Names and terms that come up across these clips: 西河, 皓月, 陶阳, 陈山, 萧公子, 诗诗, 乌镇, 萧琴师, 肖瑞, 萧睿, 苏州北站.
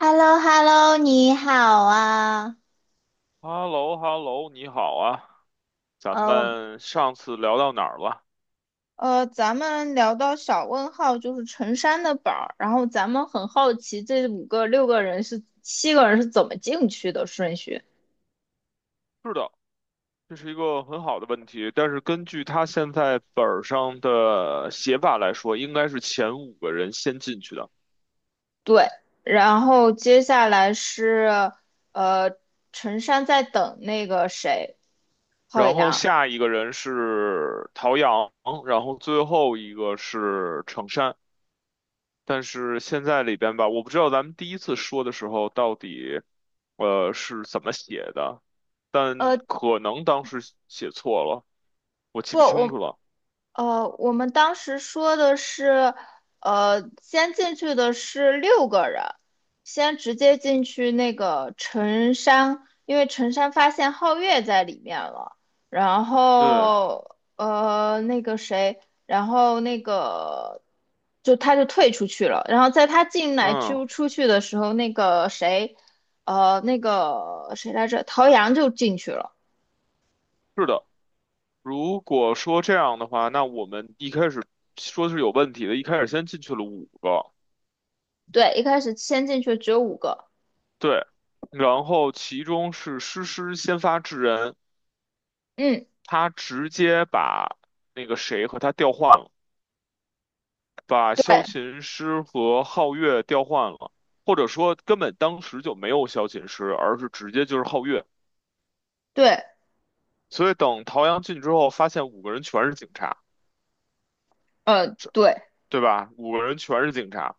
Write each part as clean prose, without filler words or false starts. h e l l o h e l l o 你好啊。h e l l o h e l l o 你好啊，咱呃，我们上次聊到哪儿了？咱们聊到小问号就是陈山的宝儿，然后咱们很好奇这五个六个人是七个人是怎么进去的顺序？是的，这是一个很好的问题，但是根据他现在本儿上的写法来说，应该是前五个人先进去的，对，然后接下来是呃，陈山在等那个谁，浩然后洋。下一个人是陶阳，然后最后一个是程山。但是现在里边吧，我不知道咱们第一次说的时候到底，是怎么写的，但呃，可能当时写错了，我记不，不清楚了。我们当时说的是，先进去的是六个人，先直接进去那个陈山，因为陈山发现皓月在里面了，然对，后那个谁，然后那个就他就退出去了，然后在他进来嗯，就出去的时候，那个谁，那个谁来着，陶阳就进去了。是的。如果说这样的话，那我们一开始说是有问题的，一开始先进去了五个，对，一开始先进去只有五个，对，然后其中是诗诗先发制人，嗯，他直接把那个谁和他调换了，把萧对。琴师和皓月调换了，或者说根本当时就没有萧琴师，而是直接就是皓月。对，所以等陶阳进去之后，发现五个人全是警察，对，对吧？五个人全是警察。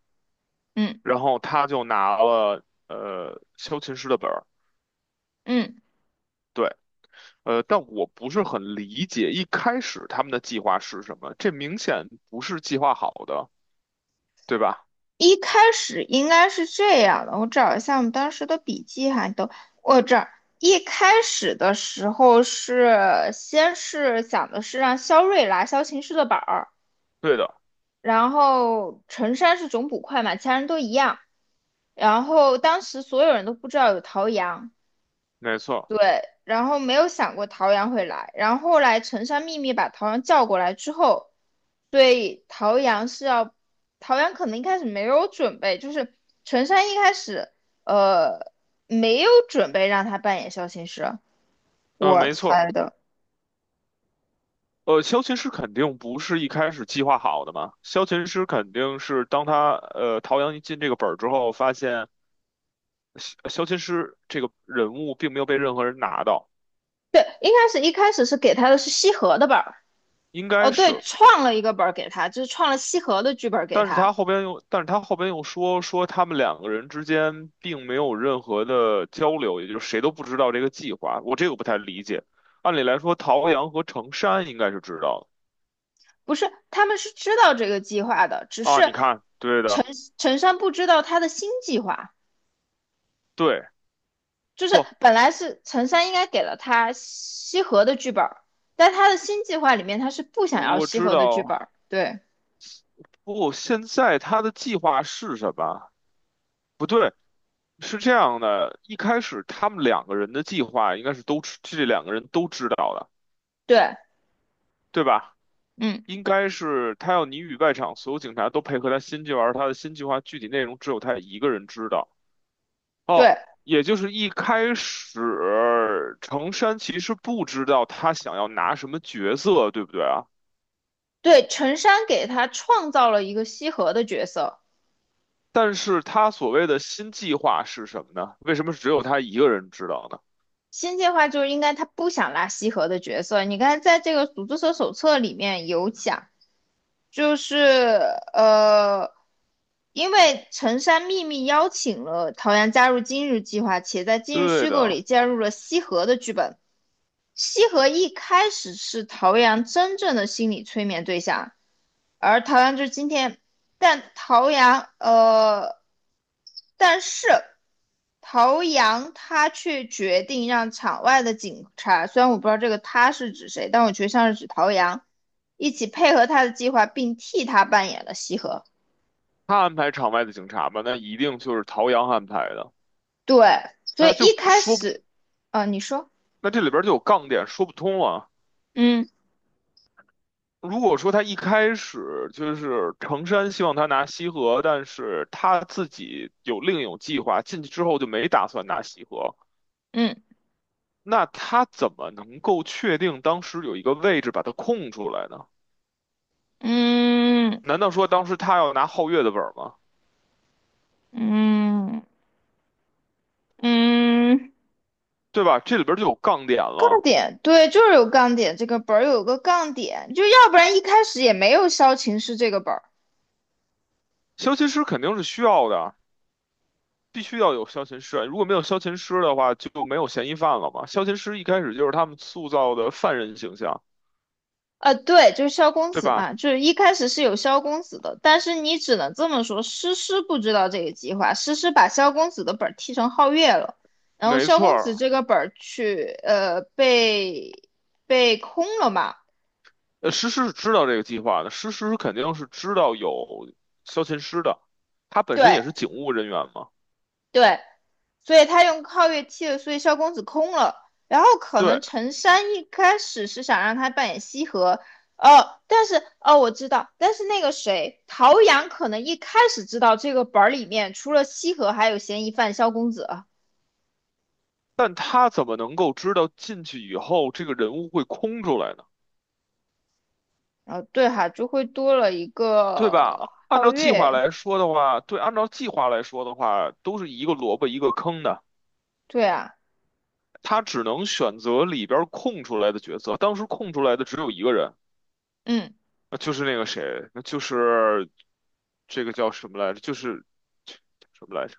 嗯然后他就拿了修琴师的本儿，嗯，对，但我不是很理解一开始他们的计划是什么，这明显不是计划好的，对吧？一开始应该是这样的，我找一下我们当时的笔记哈，都我这儿一开始的时候是先是讲的是让肖瑞拿萧琴师的板儿，对的，然后陈山是总捕快嘛，其他人都一样，然后当时所有人都不知道有陶阳。没错，然后没有想过陶阳会来，然后后来陈山秘密把陶阳叫过来之后，对，陶阳是要，陶阳可能一开始没有准备，就是陈山一开始呃没有准备让他扮演肖琴师，我没错，猜的，修琴师肯定不是一开始计划好的嘛，修琴师肯定是当他陶阳一进这个本儿之后，发现修琴师这个人物并没有被任何人拿到，对，一开始是给他的是西河的本儿，应该哦对，是。创了一个本儿给他，就是创了西河的剧本儿给他，但是他后边又说他们两个人之间并没有任何的交流，也就是谁都不知道这个计划。我这个不太理解。按理来说，陶阳和程山应该是知道不是，他们是知道这个计划的，只的啊。你是看，对陈的，陈山不知道他的新计划。对，就是不，本来是陈山应该给了他西河的剧本，但他的新计划里面他是不想我要我西知河的剧道。本。对不，现在他的计划是什么？不对，是这样的，一开始他们两个人的计划应该是都知，这两个人都知道的，对，对吧？嗯，应该是他要你与外场所有警察都配合他新计划，而他的新计划具体内容只有他一个人知道。对也就是一开始，程山其实不知道他想要拿什么角色，对不对啊？对，陈山给他创造了一个西河的角色。但是他所谓的新计划是什么呢？为什么只有他一个人知道呢？新计划就是应该他不想拉西河的角色。你看，在这个组织者手册里面有讲，就是呃，因为陈山秘密邀请了陶阳加入今日计划，且在今日对虚构的，里加入了西河的剧本。西河一开始是陶阳真正的心理催眠对象，而陶阳就是今天，但陶阳呃，但是陶阳他却决定让场外的警察，虽然我不知道这个他是指谁，但我觉得像是指陶阳，一起配合他的计划，并替他扮演了西河。他安排场外的警察吧，那一定就是陶阳安排的，对，所那以一就开说不，始，你说，那这里边就有杠点，说不通了。嗯如果说他一开始就是成山希望他拿西河，但是他自己有另有计划，进去之后就没打算拿西河，嗯那他怎么能够确定当时有一个位置把它空出来呢？嗯难道说当时他要拿皓月的本吗？嗯嗯。嗯，对吧？这里边就有杠点杠了。点，对，就是有杠点，这个本儿有个杠点，就要不然一开始也没有萧晴是这个本儿，消琴师肯定是需要的，必须要有消琴师啊。如果没有消琴师的话，就没有嫌疑犯了嘛。消琴师一开始就是他们塑造的犯人形象，对，就是萧公对子吧？嘛，就是一开始是有萧公子的，但是你只能这么说，诗诗不知道这个计划，诗诗把萧公子的本儿踢成皓月了，然后没萧错公子儿，这个本儿去，被空了嘛，呃，诗诗是知道这个计划的，诗诗肯定是知道有萧琴师的，他本身对，也是警务人员嘛。对，所以他用皓月替了，所以萧公子空了。然后可对，能陈山一开始是想让他扮演西河，哦，但是哦我知道，但是那个谁陶阳可能一开始知道这个本儿里面除了西河还有嫌疑犯萧公子啊，但他怎么能够知道进去以后这个人物会空出来呢？然后对哈就会多了一对吧？个按皓照计划月，来说的话，对，按照计划来说的话，都是一个萝卜一个坑的。对啊，他只能选择里边儿空出来的角色，当时空出来的只有一个人，嗯那就是那个谁，那就是这个叫什么来着？就是。什么来着。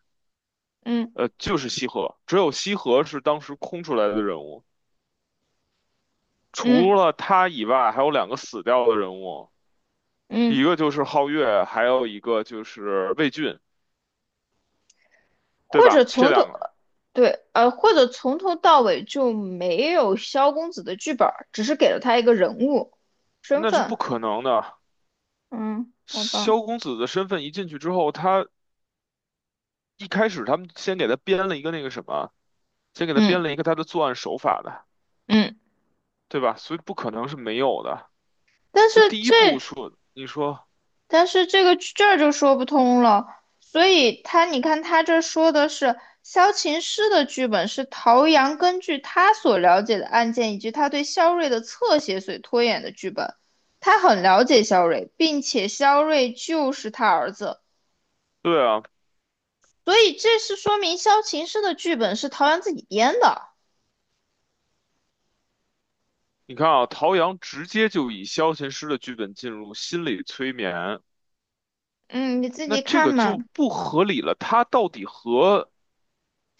嗯就是西河，只有西河是当时空出来的人物，嗯除了他以外，还有两个死掉的人物，一嗯。个就是皓月，还有一个就是魏俊，对或者吧？这从两头，个对，或者从头到尾就没有萧公子的剧本儿，只是给了他一个人物身那是不份。可能的。嗯，好吧，萧公子的身份一进去之后，一开始他们先给他编了一个那个什么，先给他编嗯了一个他的作案手法的，嗯，对吧？所以不可能是没有的。但所以是第一步这说，你说但是这个这儿就说不通了。所以他，你看他这说的是萧琴师的剧本是陶阳根据他所了解的案件以及他对萧睿的侧写所拖延的剧本。他很了解萧睿，并且萧睿就是他儿子。对啊，所以这是说明萧琴师的剧本是陶阳自己编的。你看啊，陶阳直接就以萧琴师的剧本进入心理催眠。嗯，你自那己这看个嘛。就不合理了。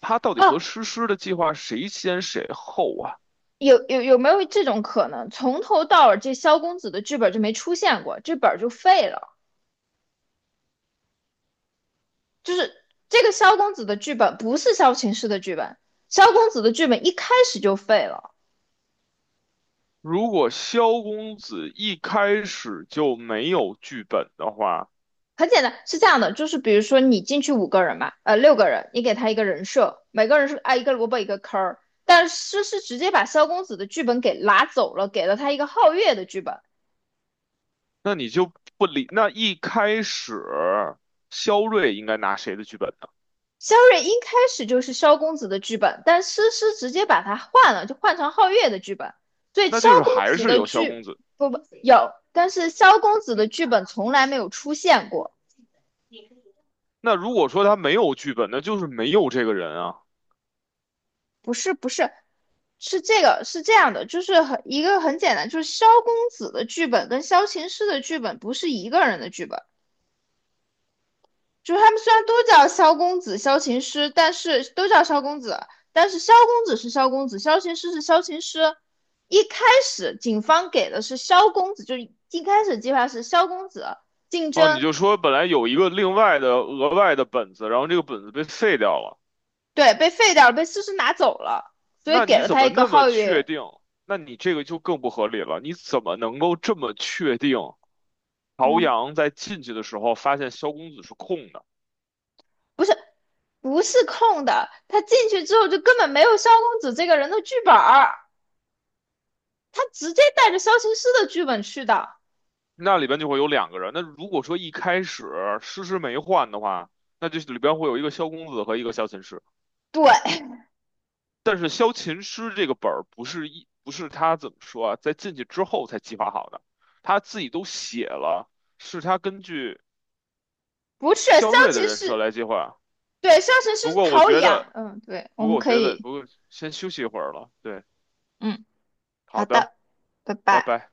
他到底哦，和诗诗的计划谁先谁后啊？有没有这种可能？从头到尾这萧公子的剧本就没出现过，这本就废了。就是这个萧公子的剧本不是萧琴师的剧本，萧公子的剧本一开始就废了。如果萧公子一开始就没有剧本的话，很简单，是这样的，就是比如说你进去五个人吧，六个人，你给他一个人设，每个人是挨一个萝卜一个坑儿。但是是直接把萧公子的剧本给拿走了，给了他一个皓月的剧本。那你就不理。那一开始萧睿应该拿谁的剧本呢？肖瑞一开始就是萧公子的剧本，但诗诗直接把他换了，就换成皓月的剧本。所以那萧就是公还子是的有萧剧，公子。不不，有，但是萧公子的剧本从来没有出现过。那如果说他没有剧本，那就是没有这个人啊。不是不是，是这个是这样的，就是很一个很简单，就是萧公子的剧本跟萧琴诗的剧本不是一个人的剧本。就是他们虽然都叫萧公子、萧琴师，但是都叫萧公子，但是萧公子是萧公子，萧琴师是萧琴师。一开始警方给的是萧公子，就一开始计划是萧公子竞哦，你争，就说本来有一个另外的额外的本子，然后这个本子被废掉了。对，被废掉了，被思思拿走了，所以那给你了怎他一么个那么皓确月，定？那你这个就更不合理了。你怎么能够这么确定朝嗯，阳在进去的时候发现萧公子是空的？不是不是空的，他进去之后就根本没有萧公子这个人的剧本儿，他直接带着萧琴师的剧本去的，那里边就会有两个人。那如果说一开始诗诗没换的话，那就里边会有一个萧公子和一个萧琴师。对，但是萧琴师这个本儿不是他怎么说啊，在进去之后才计划好的，他自己都写了，是他根据 不是萧萧睿的琴人设师。来计划。对，上神是不过我陶觉养，得。嗯，对，我不过们我可觉得，以，不过先休息一会儿了。对，嗯，好好的，的，拜拜拜。拜。